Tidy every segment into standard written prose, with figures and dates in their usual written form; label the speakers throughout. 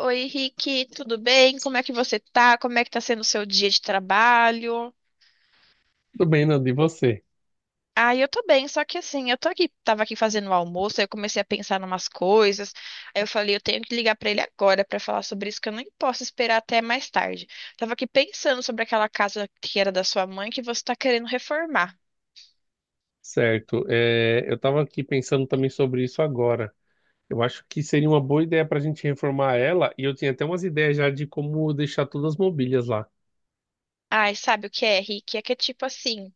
Speaker 1: Oi, Henrique, tudo bem? Como é que você tá? Como é que tá sendo o seu dia de trabalho?
Speaker 2: Tudo bem, Nando, e você?
Speaker 1: Ah, eu tô bem, só que assim, eu tô aqui, tava aqui fazendo o almoço, aí eu comecei a pensar em umas coisas. Aí eu falei, eu tenho que ligar pra ele agora pra falar sobre isso, que eu nem posso esperar até mais tarde. Tava aqui pensando sobre aquela casa que era da sua mãe que você tá querendo reformar.
Speaker 2: Certo. É, eu estava aqui pensando também sobre isso agora. Eu acho que seria uma boa ideia para a gente reformar ela, e eu tinha até umas ideias já de como deixar todas as mobílias lá.
Speaker 1: Ai, sabe o que é, Henrique? É que é tipo assim,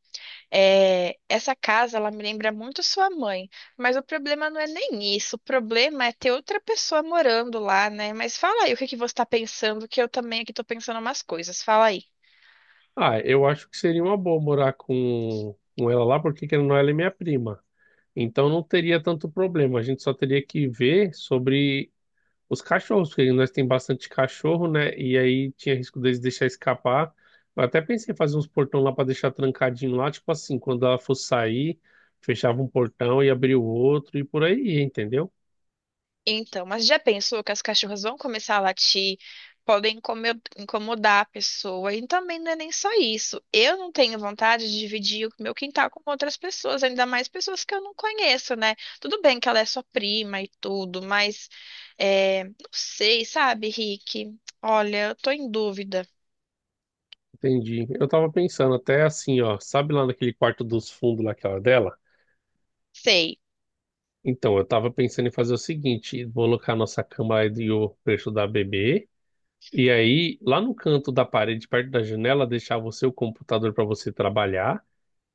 Speaker 1: é, essa casa, ela me lembra muito sua mãe, mas o problema não é nem isso, o problema é ter outra pessoa morando lá, né? Mas fala aí o que que você tá pensando, que eu também aqui tô pensando umas coisas, fala aí.
Speaker 2: Ah, eu acho que seria uma boa morar com ela lá, porque querendo ou não, ela é minha prima. Então não teria tanto problema. A gente só teria que ver sobre os cachorros, porque nós tem bastante cachorro, né? E aí tinha risco deles deixar escapar. Eu até pensei em fazer uns portão lá para deixar trancadinho lá, tipo assim, quando ela fosse sair, fechava um portão e abria o outro e por aí, ia, entendeu?
Speaker 1: Então, mas já pensou que as cachorras vão começar a latir, podem incomodar a pessoa, e também não é nem só isso. Eu não tenho vontade de dividir o meu quintal com outras pessoas, ainda mais pessoas que eu não conheço, né? Tudo bem que ela é sua prima e tudo, mas é, não sei, sabe, Rick? Olha, eu tô em dúvida.
Speaker 2: Entendi. Eu tava pensando até assim, ó, sabe lá naquele quarto dos fundos naquela dela?
Speaker 1: Sei.
Speaker 2: Então, eu tava pensando em fazer o seguinte, vou colocar a nossa cama e o preço da bebê. E aí, lá no canto da parede, perto da janela, deixar você o computador para você trabalhar.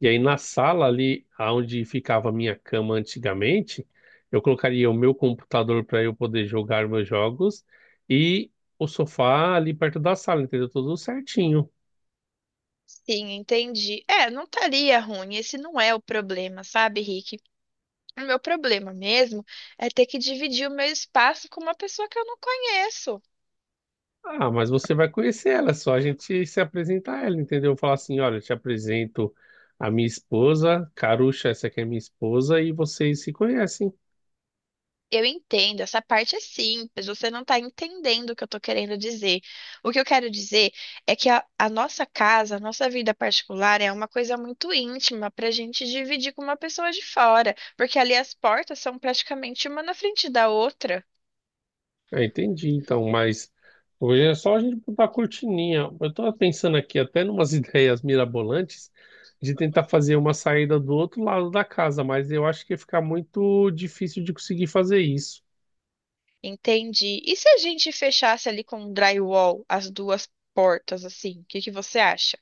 Speaker 2: E aí na sala ali, onde ficava a minha cama antigamente, eu colocaria o meu computador para eu poder jogar meus jogos e o sofá ali perto da sala, entendeu? Tudo certinho.
Speaker 1: Sim, entendi. É, não estaria ruim. Esse não é o problema, sabe, Rick? O meu problema mesmo é ter que dividir o meu espaço com uma pessoa que eu não conheço.
Speaker 2: Ah, mas você vai conhecer ela, é só a gente se apresentar a ela, entendeu? Falar assim, olha, eu te apresento a minha esposa, Carucha, essa aqui é minha esposa, e vocês se conhecem.
Speaker 1: Eu entendo, essa parte é simples, você não está entendendo o que eu estou querendo dizer. O que eu quero dizer é que a nossa casa, a nossa vida particular é uma coisa muito íntima para a gente dividir com uma pessoa de fora, porque ali as portas são praticamente uma na frente da outra,
Speaker 2: Ah, entendi, então, mas hoje é só a gente botar a cortininha. Eu tava pensando aqui até numas ideias mirabolantes de tentar fazer uma saída do outro lado da casa, mas eu acho que ia ficar muito difícil de conseguir fazer isso.
Speaker 1: entende? E se a gente fechasse ali com um drywall as duas portas, assim, o que que você acha?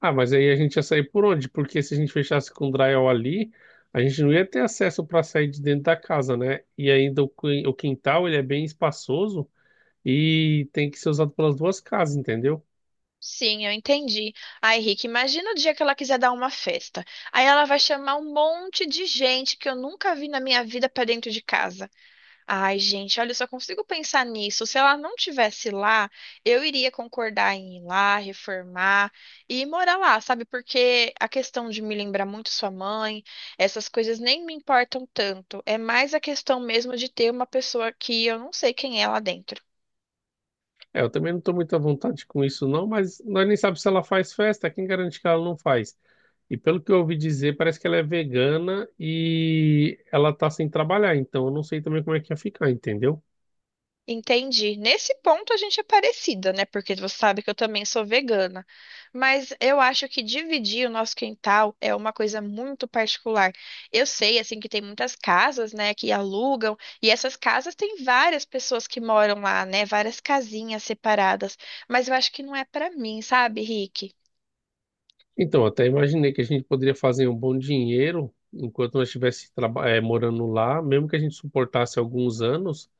Speaker 2: Ah, mas aí a gente ia sair por onde? Porque se a gente fechasse com o drywall ali, a gente não ia ter acesso para sair de dentro da casa, né? E ainda o o quintal, ele é bem espaçoso e tem que ser usado pelas duas casas, entendeu?
Speaker 1: Sim, eu entendi. Ai, Rick, imagina o dia que ela quiser dar uma festa. Aí ela vai chamar um monte de gente que eu nunca vi na minha vida pra dentro de casa. Ai, gente, olha, eu só consigo pensar nisso. Se ela não tivesse lá, eu iria concordar em ir lá, reformar e morar lá, sabe? Porque a questão de me lembrar muito sua mãe, essas coisas nem me importam tanto. É mais a questão mesmo de ter uma pessoa que eu não sei quem é lá dentro.
Speaker 2: É, eu também não estou muito à vontade com isso, não, mas nós nem sabemos se ela faz festa, quem garante que ela não faz? E pelo que eu ouvi dizer, parece que ela é vegana e ela tá sem trabalhar, então eu não sei também como é que ia ficar, entendeu?
Speaker 1: Entendi. Nesse ponto a gente é parecida, né? Porque você sabe que eu também sou vegana. Mas eu acho que dividir o nosso quintal é uma coisa muito particular. Eu sei, assim, que tem muitas casas, né, que alugam, e essas casas têm várias pessoas que moram lá, né? Várias casinhas separadas. Mas eu acho que não é pra mim, sabe, Rick?
Speaker 2: Então, eu até imaginei que a gente poderia fazer um bom dinheiro enquanto nós estivéssemos morando lá, mesmo que a gente suportasse alguns anos,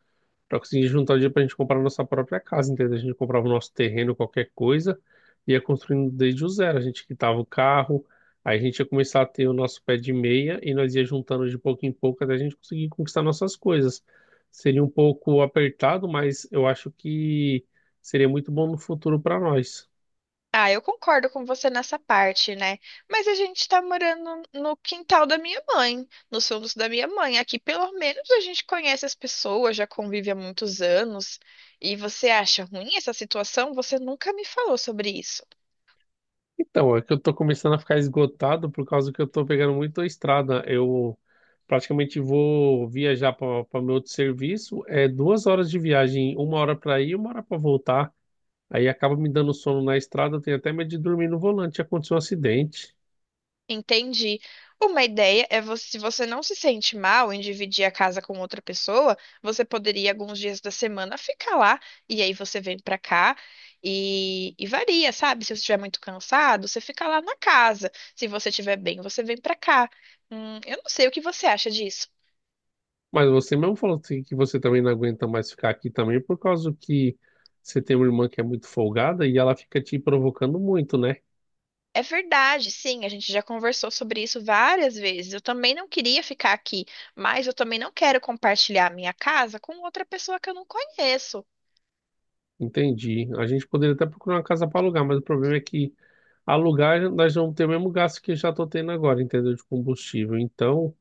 Speaker 2: pra conseguir juntar dinheiro pra gente comprar a nossa própria casa, entendeu? A gente comprava o nosso terreno, qualquer coisa, e ia construindo desde o zero. A gente quitava o carro, aí a gente ia começar a ter o nosso pé de meia e nós ia juntando de pouco em pouco até a gente conseguir conquistar nossas coisas. Seria um pouco apertado, mas eu acho que seria muito bom no futuro para nós.
Speaker 1: Ah, eu concordo com você nessa parte, né? Mas a gente tá morando no quintal da minha mãe, nos fundos da minha mãe. Aqui, pelo menos, a gente conhece as pessoas, já convive há muitos anos. E você acha ruim essa situação? Você nunca me falou sobre isso.
Speaker 2: Então, é que eu tô começando a ficar esgotado por causa que eu tô pegando muito a estrada. Eu praticamente vou viajar para meu outro serviço. É 2 horas de viagem, 1 hora para ir e 1 hora para voltar. Aí acaba me dando sono na estrada. Eu tenho até medo de dormir no volante. Aconteceu um acidente.
Speaker 1: Entendi. Uma ideia é você, se você não se sente mal em dividir a casa com outra pessoa, você poderia alguns dias da semana ficar lá e aí você vem pra cá e varia, sabe? Se você estiver muito cansado, você fica lá na casa. Se você estiver bem, você vem pra cá. Eu não sei o que você acha disso.
Speaker 2: Mas você mesmo falou assim que você também não aguenta mais ficar aqui também por causa que você tem uma irmã que é muito folgada e ela fica te provocando muito, né?
Speaker 1: É verdade, sim, a gente já conversou sobre isso várias vezes. Eu também não queria ficar aqui, mas eu também não quero compartilhar a minha casa com outra pessoa que eu não conheço.
Speaker 2: Entendi. A gente poderia até procurar uma casa para alugar, mas o problema é que alugar nós vamos ter o mesmo gasto que eu já estou tendo agora, entendeu? De combustível. Então,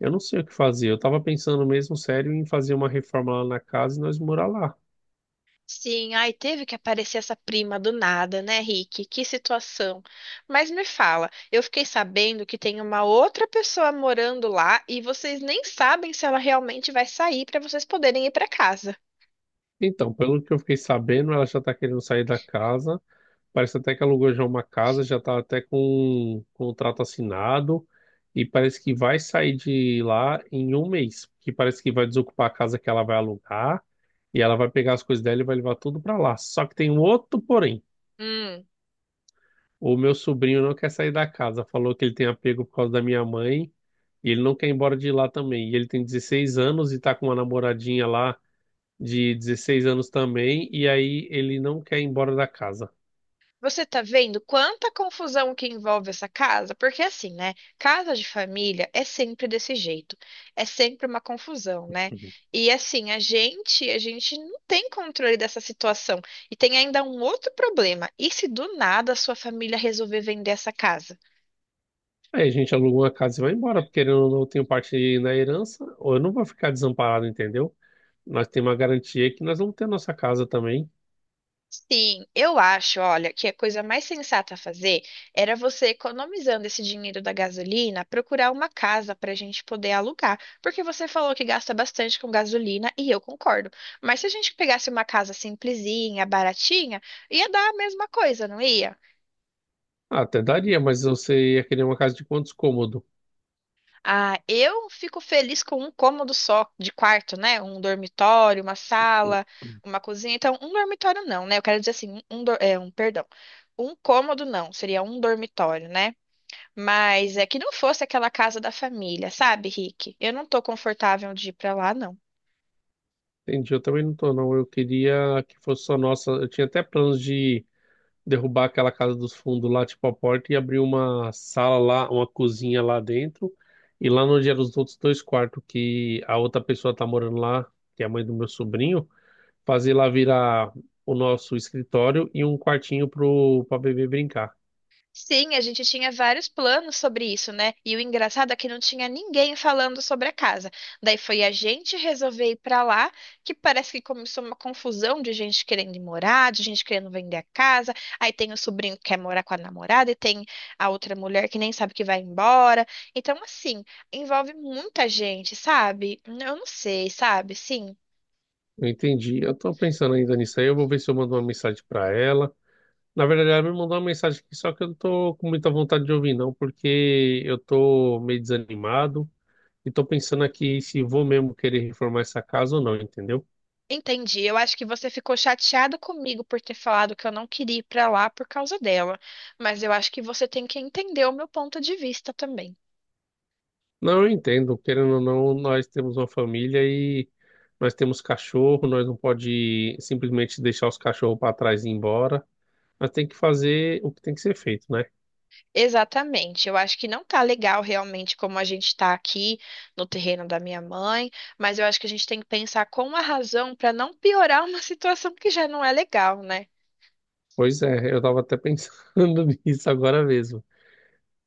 Speaker 2: eu não sei o que fazer. Eu estava pensando mesmo sério em fazer uma reforma lá na casa e nós morar lá.
Speaker 1: Sim, ai, teve que aparecer essa prima do nada, né, Rick? Que situação. Mas me fala, eu fiquei sabendo que tem uma outra pessoa morando lá e vocês nem sabem se ela realmente vai sair para vocês poderem ir para casa.
Speaker 2: Então, pelo que eu fiquei sabendo, ela já está querendo sair da casa. Parece até que alugou já uma casa, já está até com um contrato assinado. E parece que vai sair de lá em um mês, que parece que vai desocupar a casa que ela vai alugar. E ela vai pegar as coisas dela e vai levar tudo pra lá. Só que tem um outro porém. O meu sobrinho não quer sair da casa. Falou que ele tem apego por causa da minha mãe. E ele não quer ir embora de lá também. E ele tem 16 anos e tá com uma namoradinha lá de 16 anos também. E aí ele não quer ir embora da casa.
Speaker 1: Você tá vendo quanta confusão que envolve essa casa? Porque assim, né? Casa de família é sempre desse jeito. É sempre uma confusão, né?
Speaker 2: Uhum.
Speaker 1: E assim, a gente não tem controle dessa situação. E tem ainda um outro problema. E se do nada a sua família resolver vender essa casa?
Speaker 2: Aí a gente aluga uma casa e vai embora, porque querendo ou não, eu tenho parte na herança, ou eu não vou ficar desamparado, entendeu? Nós temos uma garantia que nós vamos ter a nossa casa também.
Speaker 1: Sim, eu acho, olha, que a coisa mais sensata a fazer era você, economizando esse dinheiro da gasolina, procurar uma casa para a gente poder alugar. Porque você falou que gasta bastante com gasolina e eu concordo. Mas se a gente pegasse uma casa simplesinha, baratinha, ia dar a mesma coisa, não ia?
Speaker 2: Ah, até daria, mas você ia querer uma casa de quantos cômodos?
Speaker 1: Ah, eu fico feliz com um cômodo só de quarto, né? Um dormitório, uma sala, uma cozinha. Então, um dormitório não, né? Eu quero dizer assim, é, um perdão. Um cômodo não, seria um dormitório, né? Mas é que não fosse aquela casa da família, sabe, Rick? Eu não tô confortável de ir pra lá, não.
Speaker 2: Entendi, eu também não tô, não. Eu queria que fosse só nossa. Eu tinha até planos de derrubar aquela casa dos fundos lá, tipo a porta, e abrir uma sala lá, uma cozinha lá dentro. E lá onde eram os outros dois quartos que a outra pessoa tá morando lá, que é a mãe do meu sobrinho, fazer lá virar o nosso escritório e um quartinho pra bebê brincar.
Speaker 1: Sim, a gente tinha vários planos sobre isso, né? E o engraçado é que não tinha ninguém falando sobre a casa. Daí foi a gente resolver ir pra lá, que parece que começou uma confusão de gente querendo ir morar, de gente querendo vender a casa. Aí tem o sobrinho que quer morar com a namorada e tem a outra mulher que nem sabe que vai embora. Então, assim, envolve muita gente, sabe? Eu não sei, sabe? Sim.
Speaker 2: Eu entendi. Eu tô pensando ainda nisso aí. Eu vou ver se eu mando uma mensagem pra ela. Na verdade, ela me mandou uma mensagem aqui, só que eu não tô com muita vontade de ouvir, não, porque eu tô meio desanimado e tô pensando aqui se vou mesmo querer reformar essa casa ou não, entendeu?
Speaker 1: Entendi. Eu acho que você ficou chateada comigo por ter falado que eu não queria ir pra lá por causa dela, mas eu acho que você tem que entender o meu ponto de vista também.
Speaker 2: Não, eu entendo, querendo ou não, nós temos uma família e nós temos cachorro, nós não pode simplesmente deixar os cachorros para trás e ir embora. Nós tem que fazer o que tem que ser feito, né?
Speaker 1: Exatamente. Eu acho que não tá legal realmente como a gente tá aqui no terreno da minha mãe, mas eu acho que a gente tem que pensar com a razão pra não piorar uma situação que já não é legal, né?
Speaker 2: Pois é, eu tava até pensando nisso agora mesmo.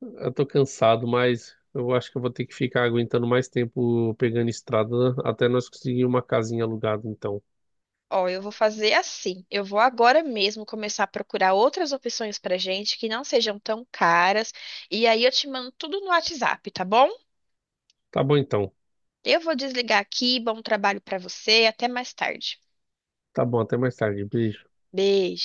Speaker 2: Eu tô cansado, mas eu acho que eu vou ter que ficar aguentando mais tempo pegando estrada até nós conseguir uma casinha alugada, então.
Speaker 1: Ó, eu vou fazer assim. Eu vou agora mesmo começar a procurar outras opções pra gente que não sejam tão caras, e aí eu te mando tudo no WhatsApp, tá bom?
Speaker 2: Tá bom, então.
Speaker 1: Eu vou desligar aqui. Bom trabalho para você. Até mais tarde.
Speaker 2: Tá bom, até mais tarde. Beijo.
Speaker 1: Beijo.